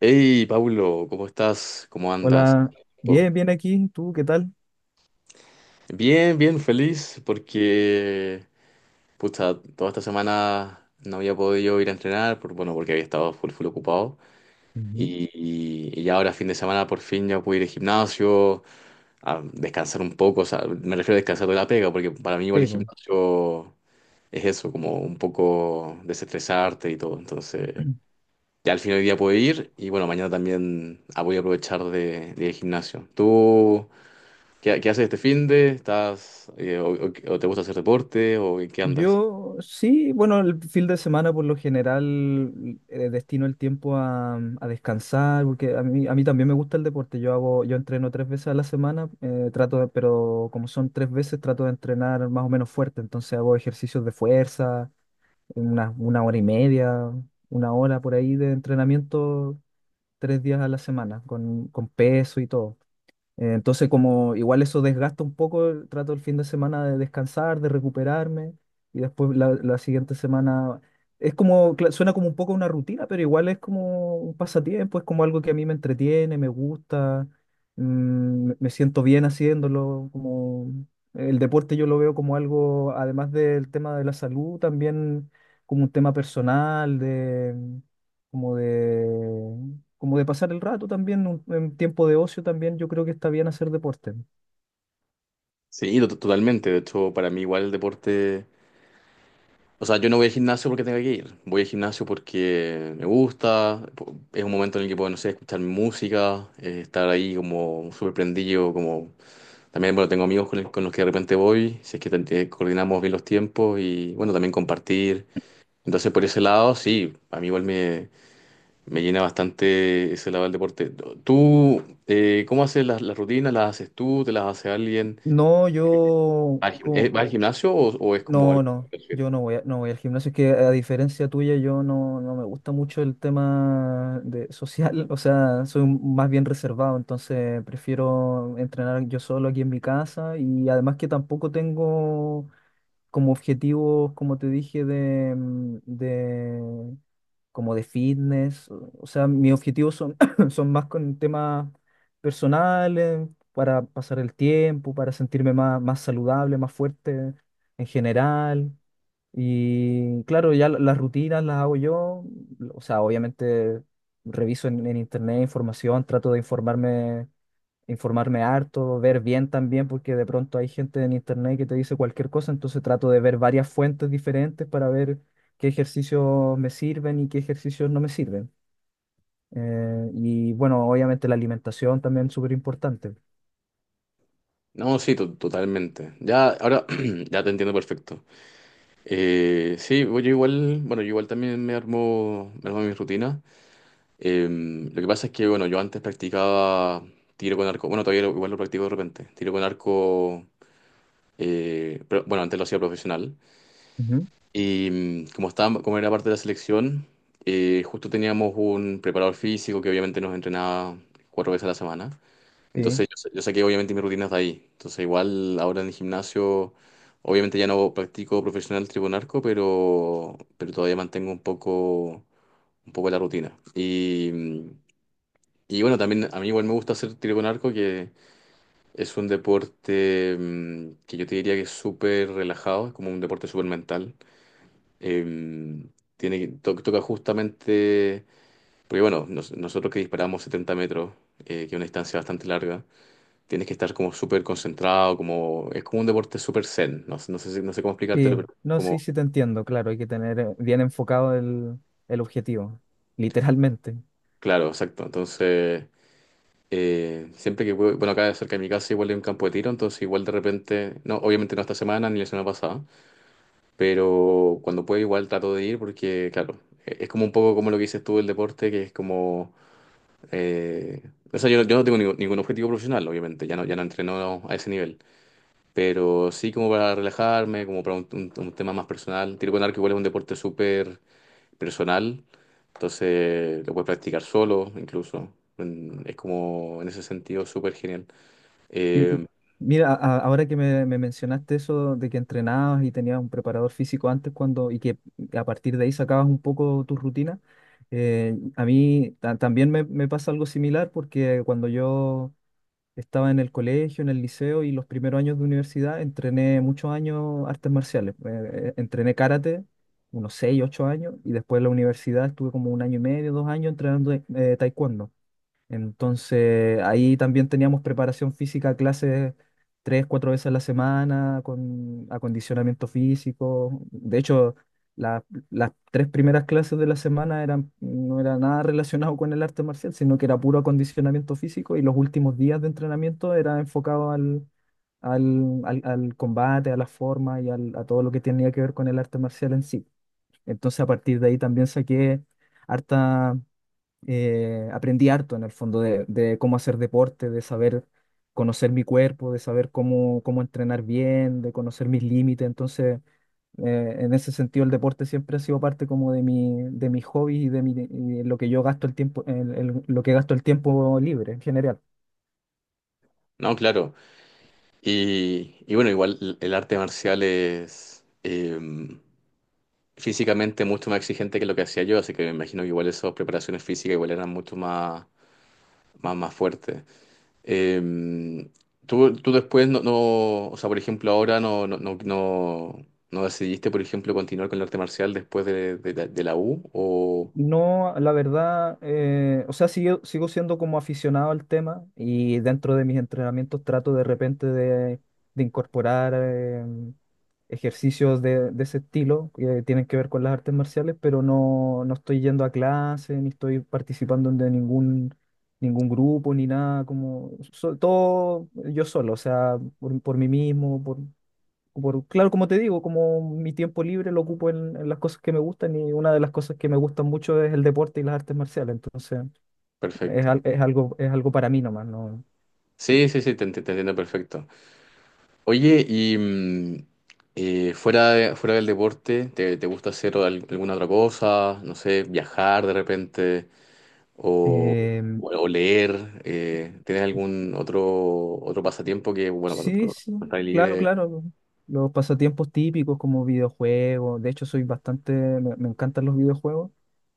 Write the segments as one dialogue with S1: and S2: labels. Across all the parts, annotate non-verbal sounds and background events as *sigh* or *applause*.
S1: Hey, Paulo, ¿cómo estás? ¿Cómo andas?
S2: Hola,
S1: Oh,
S2: bien, bien aquí. ¿Tú qué tal?
S1: bien, bien, feliz porque, pucha, toda esta semana no había podido ir a entrenar, bueno, porque había estado full, full ocupado.
S2: Ujú.
S1: Y, y ya ahora, fin de semana, por fin ya pude ir al gimnasio, a descansar un poco, o sea, me refiero a descansar de la pega, porque para mí igual
S2: Sí,
S1: el
S2: pues.
S1: gimnasio es eso, como un poco desestresarte y todo. Entonces,
S2: *clears throat*
S1: ya al final del día pude ir y, bueno, mañana también voy a aprovechar de ir al gimnasio. ¿Tú? ¿Qué haces este finde? ¿O te gusta hacer deporte o en qué andas?
S2: Yo sí, bueno, el fin de semana por lo general destino el tiempo a descansar, porque a mí también me gusta el deporte. Yo hago, yo entreno tres veces a la semana, pero como son tres veces, trato de entrenar más o menos fuerte. Entonces hago ejercicios de fuerza, una hora y media, una hora por ahí de entrenamiento, tres días a la semana, con peso y todo. Entonces, como igual eso desgasta un poco, trato el fin de semana de descansar, de recuperarme, y después la siguiente semana es como, suena como un poco una rutina, pero igual es como un pasatiempo, es como algo que a mí me entretiene, me gusta. Me siento bien haciéndolo, como el deporte yo lo veo como algo, además del tema de la salud, también como un tema personal, como de, como de pasar el rato también, en tiempo de ocio también, yo creo que está bien hacer deporte.
S1: Sí, totalmente. De hecho, para mí igual el deporte. O sea, yo no voy al gimnasio porque tenga que ir. Voy al gimnasio porque me gusta. Es un momento en el que puedo, no sé, escuchar música, estar ahí como súper prendido, como... También, bueno, tengo amigos con los que de repente voy, si es que coordinamos bien los tiempos y, bueno, también compartir. Entonces, por ese lado, sí, a mí igual me llena bastante ese lado del deporte. ¿Tú cómo haces las rutinas? ¿Las haces tú? ¿Te las hace alguien?
S2: No,
S1: ¿Vas al gim- eh, vas al gimnasio o, es como
S2: no,
S1: algo
S2: no,
S1: que haces?
S2: yo no no voy al gimnasio, es que a diferencia tuya, yo no, no me gusta mucho el tema de social, *laughs* o sea, soy más bien reservado, entonces prefiero entrenar yo solo aquí en mi casa, y además que tampoco tengo como objetivos, como te dije, de, de, como de fitness. O sea, mis objetivos son, *clears throat* son más con temas personales, para pasar el tiempo, para sentirme más, más saludable, más fuerte en general. Y claro, ya las rutinas las hago yo, o sea, obviamente reviso en internet información, trato de informarme, informarme harto, ver bien también, porque de pronto hay gente en internet que te dice cualquier cosa, entonces trato de ver varias fuentes diferentes para ver qué ejercicios me sirven y qué ejercicios no me sirven. Y bueno, obviamente la alimentación también es súper importante.
S1: No, sí, totalmente. Ya, ahora *clears throat* ya te entiendo perfecto. Sí, yo igual, bueno, yo igual también me armo mis rutinas. Lo que pasa es que, bueno, yo antes practicaba tiro con arco. Bueno, todavía igual lo practico de repente. Tiro con arco, pero bueno, antes lo hacía profesional.
S2: Ujú.
S1: Y, mm, como estaba, como era parte de la selección, justo teníamos un preparador físico que obviamente nos entrenaba 4 veces a la semana.
S2: Sí.
S1: Entonces yo saqué obviamente mis rutinas de ahí. Entonces igual ahora en el gimnasio, obviamente ya no practico profesional tribunarco, pero todavía mantengo un poco la rutina. Y bueno, también a mí igual me gusta hacer tiro con que es un deporte mm, que yo te diría que es súper relajado, es como un deporte súper mental, em, tiene, toca justamente, porque bueno, nosotros que disparamos 70 metros, que es una distancia bastante larga, tienes que estar como súper concentrado, como, es como un deporte súper zen, no, no sé, no sé cómo explicártelo,
S2: Sí,
S1: pero
S2: no, sí,
S1: como,
S2: sí te entiendo, claro, hay que tener bien enfocado el objetivo, literalmente.
S1: claro, exacto. Entonces, siempre que bueno, acá cerca de mi casa igual hay un campo de tiro, entonces igual de repente, no, obviamente no esta semana ni la semana pasada, pero cuando puedo igual trato de ir porque, claro, es como un poco como lo que dices tú del deporte, que es como... Eh, o sea, yo, no, yo no tengo ningún objetivo profesional, obviamente, ya no entreno a ese nivel, pero sí como para relajarme, como para un tema más personal. Tiro con arco igual es un deporte súper personal, entonces lo puedes practicar solo incluso. Es como en ese sentido súper genial.
S2: Y
S1: Eh,
S2: mira, ahora que me mencionaste eso de que entrenabas y tenías un preparador físico antes, cuando, y que a partir de ahí sacabas un poco tu rutina, a mí también me pasa algo similar, porque cuando yo estaba en el colegio, en el liceo y los primeros años de universidad entrené muchos años artes marciales. Entrené karate, unos 6, 8 años, y después en la universidad estuve como un año y medio, dos años entrenando taekwondo. Entonces, ahí también teníamos preparación física, clases tres, cuatro veces a la semana, con acondicionamiento físico. De hecho, la- las tres primeras clases de la semana eran, no era nada relacionado con el arte marcial, sino que era puro acondicionamiento físico, y los últimos días de entrenamiento era enfocado al combate, a la forma y a todo lo que tenía que ver con el arte marcial en sí. Entonces, a partir de ahí también saqué harta, aprendí harto en el fondo de cómo hacer deporte, de saber conocer mi cuerpo, de saber cómo entrenar bien, de conocer mis límites. Entonces, en ese sentido, el deporte siempre ha sido parte como de mi, de mis hobbies, y de y de lo que yo gasto el tiempo, lo que gasto el tiempo libre en general.
S1: no, claro. Y bueno, igual el arte marcial es, físicamente mucho más exigente que lo que hacía yo, así que me imagino que igual esas preparaciones físicas igual eran mucho más fuertes. Eh, tú después no, no, o sea, por ejemplo, ahora no decidiste, por ejemplo, continuar con el arte marcial después de la U o...
S2: No, la verdad, o sea, sigo, sigo siendo como aficionado al tema, y dentro de mis entrenamientos trato de repente de incorporar ejercicios de ese estilo que tienen que ver con las artes marciales, pero no, no estoy yendo a clase, ni estoy participando de ningún, ningún grupo, ni nada, como todo yo solo, o sea, por mí mismo, claro, como te digo, como mi tiempo libre lo ocupo en las cosas que me gustan, y una de las cosas que me gustan mucho es el deporte y las artes marciales, entonces es,
S1: Perfecto.
S2: es algo para mí nomás, ¿no?
S1: Sí, sí, sí, te entiendo perfecto. Oye, y, fuera fuera del deporte, ¿te gusta hacer alguna otra cosa? No sé, viajar de repente o,
S2: Em,
S1: o leer. Eh, ¿tienes algún otro pasatiempo que, bueno, cuando,
S2: sí,
S1: cuando
S2: sí,
S1: estás
S2: claro,
S1: libre,
S2: claro, los pasatiempos típicos como videojuegos, de hecho soy bastante, me encantan los videojuegos,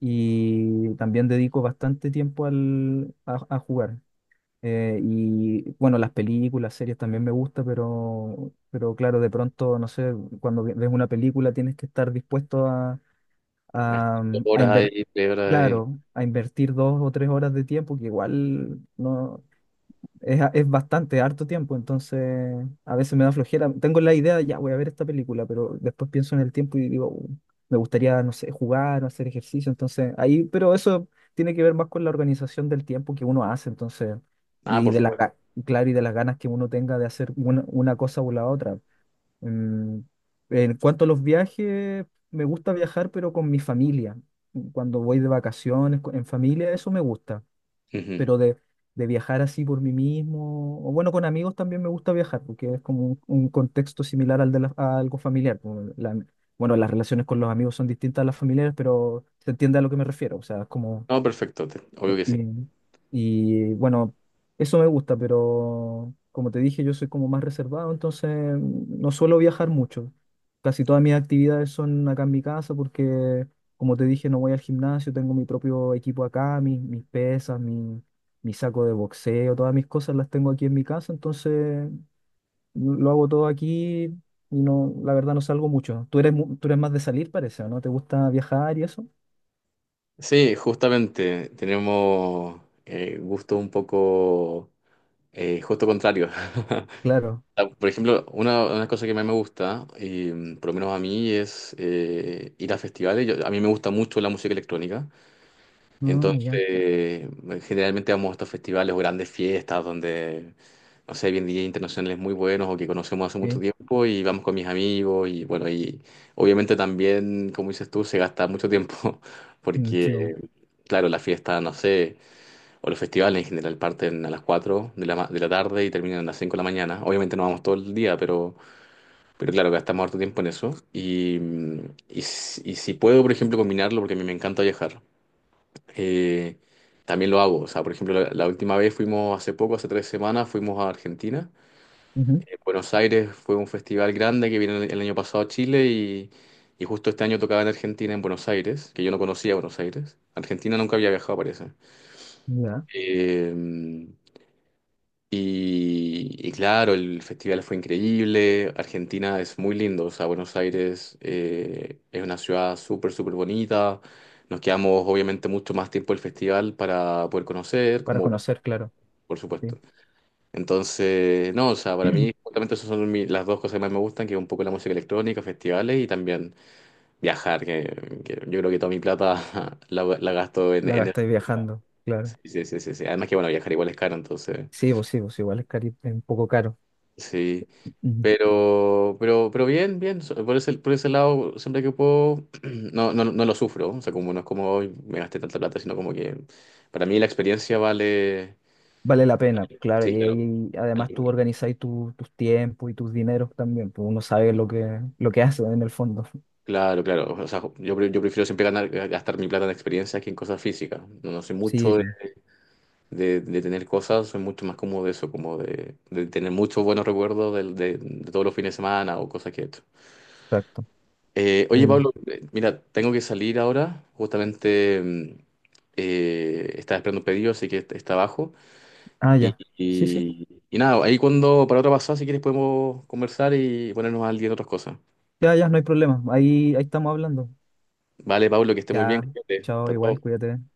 S2: y también dedico bastante tiempo a jugar. Y bueno, las películas, series también me gusta, pero claro, de pronto, no sé, cuando ves una película tienes que estar dispuesto
S1: unas
S2: a,
S1: horas
S2: invertir,
S1: ahí, 3 horas ahí?
S2: claro, a invertir dos o tres horas de tiempo, que igual no, es, es bastante, harto tiempo, entonces a veces me da flojera. Tengo la idea, ya voy a ver esta película, pero después pienso en el tiempo y digo: me gustaría, no sé, jugar o hacer ejercicio", entonces ahí, pero eso tiene que ver más con la organización del tiempo que uno hace, entonces,
S1: Ah,
S2: y
S1: por
S2: de la,
S1: supuesto.
S2: claro, y de las ganas que uno tenga de hacer una cosa o la otra. Mm, en cuanto a los viajes, me gusta viajar, pero con mi familia. Cuando voy de vacaciones, en familia, eso me gusta,
S1: Ujú.
S2: pero de viajar así por mí mismo, o bueno, con amigos también me gusta viajar, porque es como un contexto similar al de a algo familiar. Bueno, las relaciones con los amigos son distintas a las familiares, pero se entiende a lo que me refiero, o sea, es como,
S1: No, perfecto, obvio que sí.
S2: y, bueno, eso me gusta, pero como te dije, yo soy como más reservado, entonces no suelo viajar mucho. Casi todas mis actividades son acá en mi casa, porque, como te dije, no voy al gimnasio, tengo mi propio equipo acá, mis pesas, mi saco de boxeo, todas mis cosas las tengo aquí en mi casa, entonces lo hago todo aquí, y no, la verdad no salgo mucho. Tú eres, tú eres más de salir, parece, ¿o no? ¿Te gusta viajar y eso?
S1: Sí, justamente tenemos gustos un poco justo contrario. *laughs*
S2: Claro.
S1: Ah, por ejemplo, una cosa que más me gusta, y, por lo menos a mí, es ir a festivales. A mí me gusta mucho la música electrónica.
S2: Ah,
S1: Entonces,
S2: ya.
S1: generalmente vamos a estos festivales o grandes fiestas donde, no sé, bien DJ internacionales muy buenos o que conocemos hace mucho
S2: Sí.
S1: tiempo, y vamos con mis amigos y, bueno, y obviamente también, como dices tú, se gasta mucho tiempo *laughs*
S2: Mm, sí,
S1: porque, claro, la fiesta, no sé, o los festivales en general parten a las 4 de la, de la tarde y terminan a las 5 de la mañana. Obviamente no vamos todo el día, pero claro, gastamos harto tiempo en eso y, mm, y si puedo, por ejemplo, combinarlo, porque a mí me encanta viajar, eh, también lo hago. O sea, por ejemplo, la última vez fuimos hace poco, hace 3 semanas, fuimos a Argentina.
S2: bo.
S1: Buenos Aires fue un festival grande que vino el año pasado a Chile, y justo este año tocaba en Argentina, en Buenos Aires, que yo no conocía Buenos Aires. Argentina nunca había viajado, parece.
S2: Ya,
S1: Eh, y claro, el festival fue increíble. Argentina es muy lindo. O sea, Buenos Aires, es una ciudad súper, súper bonita. Nos quedamos obviamente mucho más tiempo el festival para poder conocer,
S2: para
S1: como
S2: conocer, claro.
S1: por
S2: Sí.
S1: supuesto. Entonces, no, o sea, para mí justamente esas son las dos cosas que más me gustan, que es un poco la música electrónica, festivales y también viajar, que yo creo que toda mi plata *laughs* la gasto
S2: La
S1: en el...
S2: gastáis viajando, claro.
S1: Sí, sí, sí, sí, sí. Además que, bueno, viajar igual es caro, entonces,
S2: Sí, pues igual es, es un poco caro.
S1: sí.
S2: Ujú.
S1: Pero bien, bien. Por ese lado, siempre que puedo, *clears throat* no lo sufro. O sea, como no es como hoy me gasté tanta plata, sino como que para mí la experiencia vale...
S2: Vale la pena, claro.
S1: Sí,
S2: Y
S1: claro.
S2: ahí además tú organizáis tus tiempos y tus dineros también, pues uno sabe lo que hace en el fondo.
S1: Claro, claro. O sea, yo, yo prefiero siempre ganar, gastar mi plata en experiencias que en cosas físicas. No soy
S2: Sí,
S1: mucho de,
S2: pues,
S1: de tener cosas, soy mucho más cómodo de eso, como de tener muchos buenos recuerdos del- de, todos los fines de semana o cosas que he hecho.
S2: exacto.
S1: Oye,
S2: Em,
S1: Pablo, mira, tengo que salir ahora. Justamente estaba esperando un pedido, así que está abajo.
S2: ah,
S1: Y,
S2: ya. Sí, sí.
S1: y- y nada, ahí cuando para otra pasada, si quieres, podemos conversar y ponernos al día en otras cosas.
S2: Ya, ya, no hay problema. Ahí, ahí estamos hablando.
S1: Vale, Pablo, que esté muy bien.
S2: Ya,
S1: Cuídate.
S2: chao,
S1: Hasta
S2: igual,
S1: luego.
S2: cuídate.